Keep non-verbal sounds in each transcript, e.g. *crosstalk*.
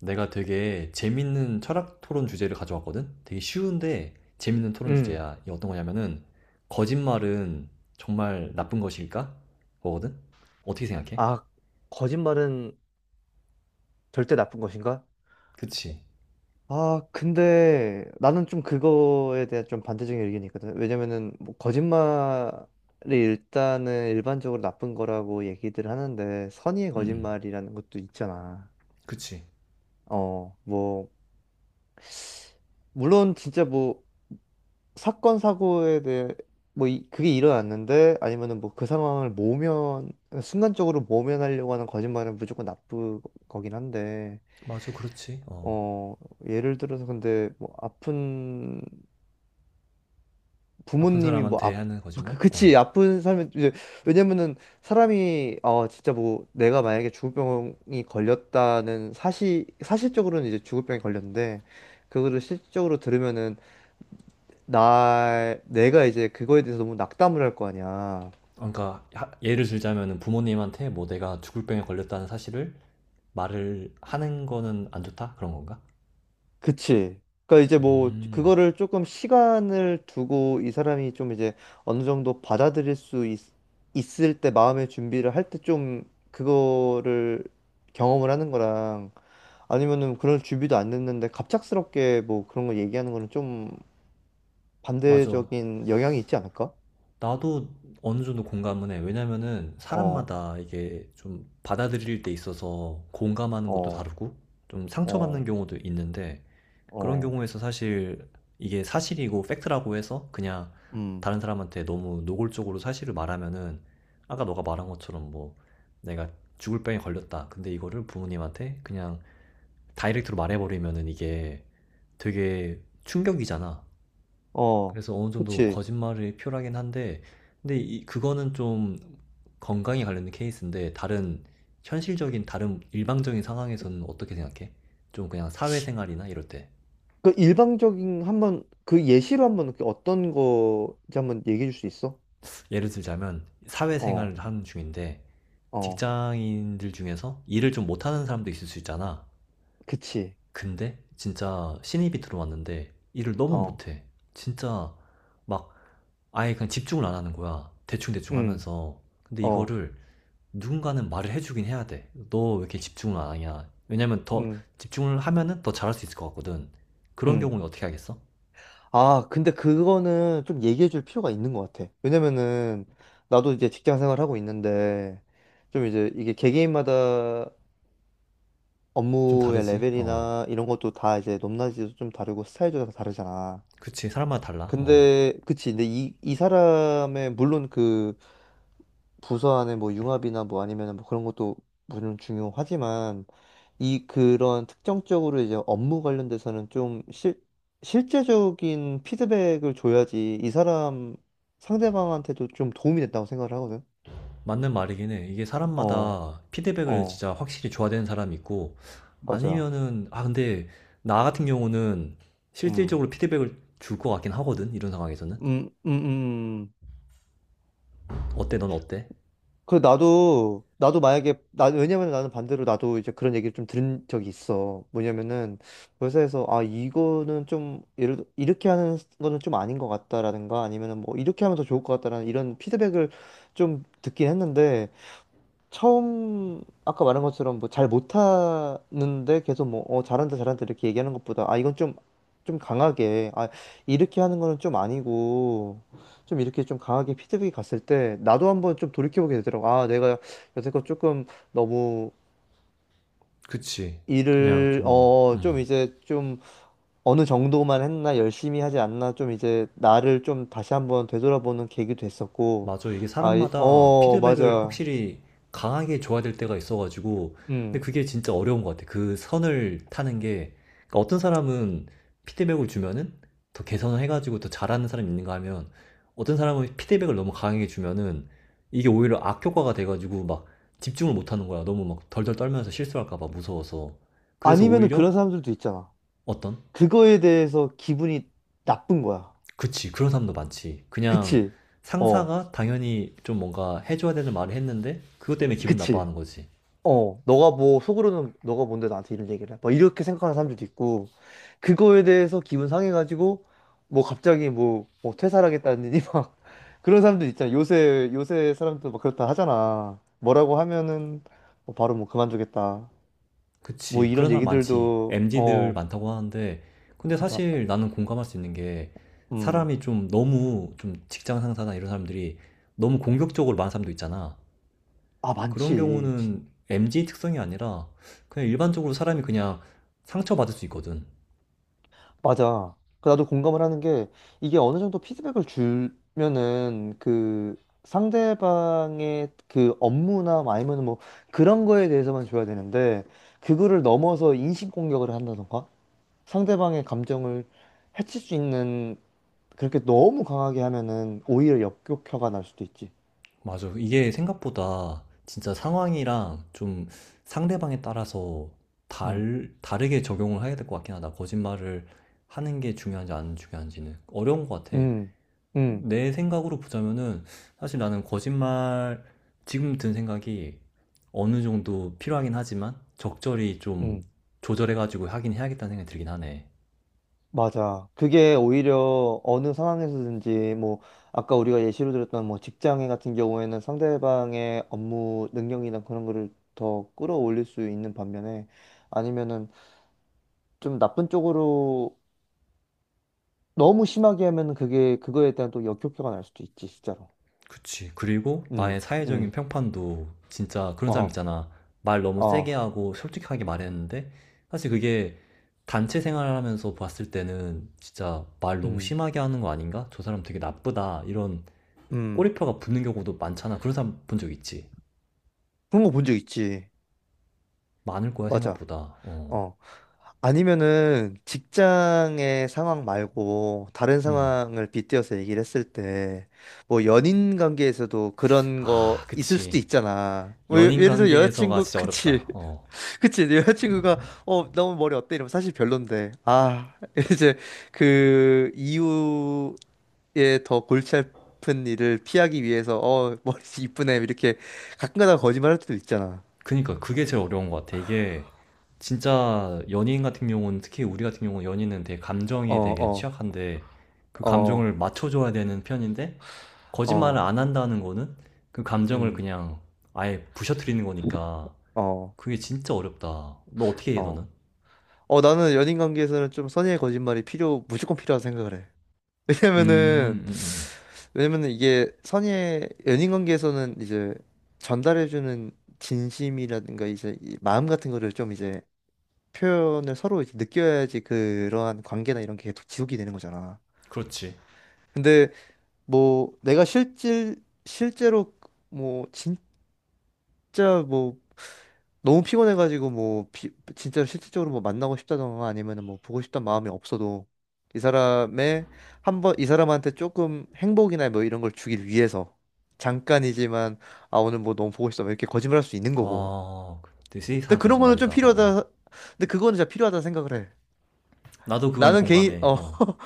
내가 되게 재밌는 철학 토론 주제를 가져왔거든? 되게 쉬운데 재밌는 토론 음. 주제야. 이게 어떤 거냐면은, 거짓말은 정말 나쁜 것일까? 거거든? 어떻게 생각해? 아, 거짓말은 절대 나쁜 것인가? 그치. 근데 나는 좀 그거에 대한 좀 반대적인 의견이 있거든. 왜냐면은 거짓말이 일단은 일반적으로 나쁜 거라고 얘기들 하는데 선의의 응, 응. 거짓말이라는 것도 있잖아. 그치. 어, 뭐 물론 진짜 사건 사고에 대해 그게 일어났는데 아니면은 뭐 그 상황을 모면 순간적으로 모면하려고 하는 거짓말은 무조건 나쁜 거긴 한데, 맞아, 그렇지. 어. 어, 예를 들어서 근데 뭐 아픈 아픈 부모님이 사람한테 하는 거짓말? 그치. 어. 아픈 삶은 이제, 왜냐면은 사람이 진짜 뭐 내가 만약에 주구병이 걸렸다는 사실적으로는 이제 주구병이 걸렸는데 그거를 실질적으로 들으면은 나 내가 이제 그거에 대해서 너무 낙담을 할 거 아니야. 그러니까, 예를 들자면은 부모님한테 뭐 내가 죽을 병에 걸렸다는 사실을 말을 하는 거는 안 좋다? 그런 건가? 그치. 그러니까 이제 뭐 음. 그거를 조금 시간을 두고 이 사람이 좀 이제 어느 정도 있을 때 마음의 준비를 할 때 좀 그거를 경험을 하는 거랑 아니면은 그런 준비도 안 됐는데 갑작스럽게 뭐 그런 거 얘기하는 거는 좀 맞아. 반대적인 영향이 있지 않을까? 나도 어느 정도 공감은 해. 왜냐면은 어, 사람마다 이게 좀 받아들일 때 있어서 공감하는 것도 어, 다르고 좀 상처받는 어, 경우도 있는데 그런 어, 경우에서 사실 이게 사실이고 팩트라고 해서 그냥 음, 다른 사람한테 너무 노골적으로 사실을 말하면은 아까 너가 말한 것처럼 뭐 내가 죽을 병에 걸렸다. 근데 이거를 부모님한테 그냥 다이렉트로 말해버리면은 이게 되게 충격이잖아. 어, 그래서 어느 정도 그치. 거짓말이 필요하긴 한데 근데 이 그거는 좀 건강에 관련된 케이스인데 다른 현실적인 다른 일방적인 상황에서는 어떻게 생각해? 좀 그냥 사회생활이나 이럴 때 그 일방적인 한번 그 예시로 한번 어떤 거지 한번 얘기해 줄 수 있어? 예를 들자면 사회생활을 어. 하는 중인데 어, 직장인들 중에서 일을 좀 못하는 사람도 있을 수 있잖아. 그치. 근데 진짜 신입이 들어왔는데 일을 너무 어, 못해. 진짜 막 아예 그냥 집중을 안 하는 거야. 대충대충 응, 하면서. 근데 어, 이거를 누군가는 말을 해주긴 해야 돼. 너 왜 이렇게 집중을 안 하냐? 왜냐면 더 응, 집중을 하면은 더 잘할 수 있을 것 같거든. 그런 응. 경우는 어떻게 하겠어? 아, 근데 그거는 좀 얘기해 줄 필요가 있는 것 같아. 왜냐면은, 나도 이제 직장 생활하고 있는데, 좀 이제 이게 개개인마다 좀 업무의 다르지? 어. 레벨이나 이런 것도 다 이제 높낮이도 좀 다르고 스타일도 다 다르잖아. 그치. 사람마다 달라. 어. 그치. 근데 이 사람의, 물론 그 부서 안에 뭐 융합이나 뭐 아니면 뭐 그런 것도 물론 중요하지만, 이 그런 특정적으로 이제 업무 관련돼서는 실제적인 피드백을 줘야지 이 사람 상대방한테도 좀 도움이 됐다고 생각을 하거든. 맞는 말이긴 해. 이게 어, 사람마다 피드백을 어, 진짜 확실히 줘야 되는 사람이 있고, 맞아. 아니면은, 아, 근데 나 같은 경우는 음, 실질적으로 피드백을 줄 것 같긴 하거든. 이런 상황에서는. 음, 음, 음. 어때? 넌 어때? 그 나도 만약에 나 왜냐면 나는 반대로 나도 이제 그런 얘기를 좀 들은 적이 있어. 뭐냐면은 회사에서 아 이거는 좀 예를 들어 이렇게 하는 거는 좀 아닌 것 같다라든가 아니면은 뭐 이렇게 하면 더 좋을 것 같다라는 이런 피드백을 좀 듣긴 했는데, 처음 아까 말한 것처럼 뭐 잘 못하는데 계속 뭐 잘한다 잘한다 이렇게 얘기하는 것보다 아 이건 좀 좀 강하게 아 이렇게 하는 거는 좀 아니고 좀 이렇게 좀 강하게 피드백이 갔을 때 나도 한번 좀 돌이켜보게 되더라고. 아 내가 여태껏 조금 너무 그치. 그냥 일을 좀, 어느 정도만 했나, 열심히 하지 않나, 좀 이제 나를 좀 다시 한번 되돌아보는 계기도 됐었고. 맞아. 이게 사람마다 피드백을 맞아. 확실히 강하게 줘야 될 때가 있어가지고. 근데 음 그게 진짜 어려운 것 같아. 그 선을 타는 게. 그러니까 어떤 사람은 피드백을 주면은 더 개선을 해가지고 더 잘하는 사람이 있는가 하면 어떤 사람은 피드백을 너무 강하게 주면은 이게 오히려 악효과가 돼가지고 막 집중을 못 하는 거야. 너무 막 덜덜 떨면서 실수할까 봐 무서워서. 그래서 아니면은 오히려 그런 사람들도 있잖아, 어떤 그거에 대해서 기분이 나쁜 거야. 그치, 그런 사람도 많지. 그냥 그치? 어, 상사가 당연히 좀 뭔가 해줘야 되는 말을 했는데, 그것 때문에 기분 그치? 나빠하는 거지. 너가 뭐, 속으로는 너가 뭔데 나한테 이런 얘기를 해? 막 이렇게 생각하는 사람들도 있고, 그거에 대해서 기분 상해가지고, 뭐 갑자기 뭐 퇴사하겠다느니 *laughs* 막, 그런 사람들 있잖아. 요새 사람들 막 그렇다 하잖아. 뭐라고 하면은, 뭐 바로 뭐 그만두겠다. 뭐 그치, 그런 이런 사람 많지. 얘기들도. MZ들 많다고 하는데, 근데 진짜. 사실 나는 공감할 수 있는 게, 음. 사람이 좀 너무, 좀 직장 상사나 이런 사람들이 너무 공격적으로 말하는 사람도 있잖아. 아, 그런 많지. 경우는 MZ 특성이 아니라, 그냥 일반적으로 사람이 그냥 상처받을 수 있거든. 맞아. 그 나도 공감을 하는 게, 이게 어느 정도 피드백을 주면은 그 상대방의 그 업무나 아니면 뭐 그런 거에 대해서만 줘야 되는데 그거를 넘어서 인신공격을 한다던가 상대방의 감정을 해칠 수 있는, 그렇게 너무 강하게 하면은 오히려 역효과가 날 수도 있지. 맞아. 이게 생각보다 진짜 상황이랑 좀 상대방에 따라서 응, 다르게 적용을 해야 될 것 같긴 하다. 거짓말을 하는 게 중요한지 안 중요한지는 어려운 것 같아. 응, 응, 내 생각으로 보자면은 사실 나는 거짓말 지금 든 생각이 어느 정도 필요하긴 하지만 적절히 좀 응. 조절해가지고 하긴 해야겠다는 생각이 들긴 하네. 맞아. 그게 오히려 어느 상황에서든지 뭐 아까 우리가 예시로 들었던 뭐 직장인 같은 경우에는 상대방의 업무 능력이나 그런 거를 더 끌어올릴 수 있는 반면에, 아니면은 좀 나쁜 쪽으로 너무 심하게 하면은 그게 그거에 대한 또 역효과가 날 수도 있지 진짜로. 그치. 그리고 나의 음, 사회적인 음, 평판도 진짜 그런 사람 어, 있잖아. 말 너무 세게 어, 하고 솔직하게 말했는데 사실 그게 단체 생활하면서 봤을 때는 진짜 말 너무 음, 심하게 하는 거 아닌가? 저 사람 되게 나쁘다. 이런 음. 꼬리표가 붙는 경우도 많잖아. 그런 사람 본 적 있지? 그런 거 본 적 있지. 많을 거야, 맞아. 생각보다. 어. 어. 아니면은 직장의 상황 말고 다른 음. 상황을 빗대어서 얘기를 했을 때, 뭐 연인 관계에서도 그런 거 아, 있을 수도 그치. 있잖아. 연인 예를 들어 관계에서가 여자친구, 진짜 그치 어렵다. 어. *laughs* 그치 여자친구가 너무 머리 어때 이러면 사실 별론데, *laughs* 이제 그 이후에 더 골치 아픈 일을 피하기 위해서 머리 이쁘네 이렇게 가끔가다 거짓말할 때도 있잖아. 그니까 그게 제일 어려운 것 같아. 이게 진짜 연예인 같은 경우는 특히 우리 같은 경우는 연예인은 되게 어 감정에 되게 어 취약한데 그 어 감정을 맞춰줘야 되는 편인데 거짓말을 안 어 한다는 거는 그 감정을 음 그냥 아예 부셔뜨리는 거니까 어 그게 진짜 어렵다. 너 어떻게 해, 너는? 어 어, 나는 연인 관계에서는 좀 무조건 필요하다 생각을 해. 음, 왜냐면은, 음, 음. 왜냐면은 이게 연인 관계에서는 이제 전달해주는 진심이라든가 이제 이 마음 같은 거를 좀 이제 표현을 서로 이제 느껴야지 그러한 관계나 이런 게 지속이 되는 거잖아. 그렇지. 뭐, 내가 실질, 실제로 뭐, 진짜 뭐, 너무 피곤해가지고 진짜로 실질적으로 뭐 만나고 싶다던가 아니면은 뭐 보고 싶단 마음이 없어도 이 사람의 한번 이 사람한테 조금 행복이나 뭐 이런 걸 주길 위해서 잠깐이지만 아 오늘 뭐 너무 보고 싶다 뭐 이렇게 거짓말할 수 있는 거고, 아, 되게 근데 세이사한 그런 거는 좀 거짓말이다. 어, 어. 필요하다 근데 그거는 진짜 필요하다 생각을 해. 나도 그건 나는 개인 공감해. 어 어. *laughs*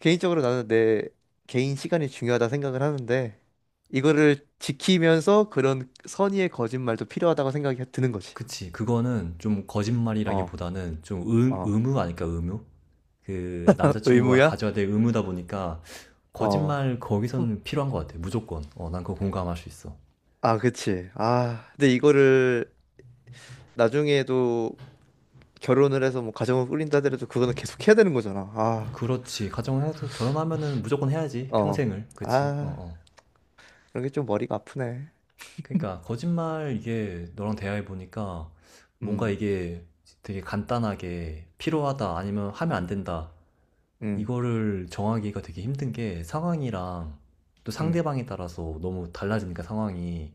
개인적으로 나는 내 개인 시간이 중요하다 생각을 하는데 이거를 지키면서 그런 선의의 거짓말도 필요하다고 생각이 드는 거지. 그치. 그거는 좀 어 거짓말이라기보다는 좀 어. 의무 아닐까, 의무? 그 *laughs* 남자친구가 의무야? 가져야 될 의무다 보니까 어. 거짓말 거기서는 필요한 것 같아. 무조건. 어, 난 그거 공감할 수 있어. 아, 그치. 아, 근데 이거를 나중에도 결혼을 해서 뭐 가정을 꾸린다 하더라도 그거는 계속 해야 되는 거잖아. 그렇지. 가정해서 결혼하면은 무조건 해야지. 어. 평생을. 그치? 어, 아, 어. 그런 게 좀 머리가 아프네. 그러니까 거짓말 이게 너랑 대화해 보니까 뭔가 음, 이게 되게 간단하게 필요하다 아니면 하면 안 된다. 음, 이거를 정하기가 되게 힘든 게 상황이랑 또 음, 상대방에 따라서 너무 달라지니까 상황이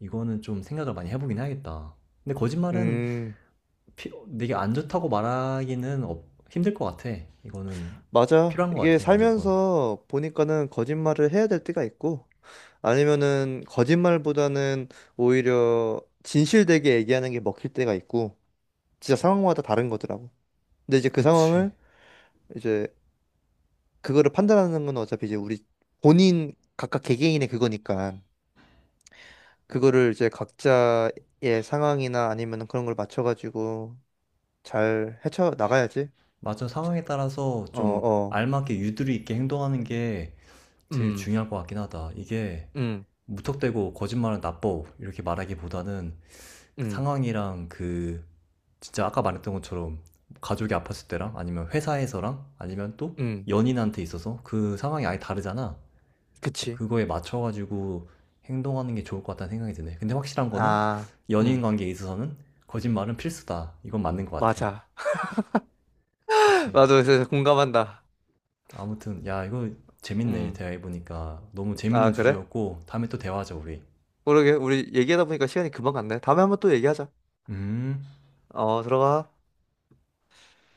이거는 좀 생각을 많이 해보긴 해야겠다. 근데 거짓말은 음. 피- 되게 안 좋다고 말하기는 어, 힘들 것 같아. 이거는 맞아. 필요한 것 이게 같아, 무조건. 살면서 보니까는 거짓말을 해야 될 때가 있고, 아니면은 거짓말보다는 오히려 진실되게 얘기하는 게 먹힐 때가 있고, 진짜 상황마다 다른 거더라고. 근데 이제 그 그치. 상황을 이제 그거를 판단하는 건 어차피 이제 우리 본인 각각 개개인의 그거니까 그거를 이제 각자의 상황이나 아니면 그런 걸 맞춰가지고 잘 헤쳐 나가야지. 맞아, 상황에 자, 따라서 어, 좀 어, 알맞게 유두리 있게 행동하는 게 제일 음, 중요할 것 같긴 하다. 이게 음, 무턱대고 거짓말은 나빠 이렇게 말하기보다는 그 음, 상황이랑 그 진짜 아까 말했던 것처럼 가족이 아팠을 때랑 아니면 회사에서랑 아니면 또 음, 연인한테 있어서 그 상황이 아예 다르잖아. 그치. 그거에 맞춰가지고 행동하는 게 좋을 것 같다는 생각이 드네. 근데 확실한 거는 아, 연인 음, 관계에 있어서는 거짓말은 필수다. 이건 맞는 것 같아. 맞아. *laughs* 그치. 나도 그래서 공감한다. 아무튼, 야, 이거 재밌네. 음, 대화해보니까. 너무 재밌는 아, 그래? 주제였고, 다음에 또 대화하자, 우리. 모르게, 우리 얘기하다 보니까 시간이 금방 갔네. 다음에 한번 또 얘기하자. 음. 어, 들어가.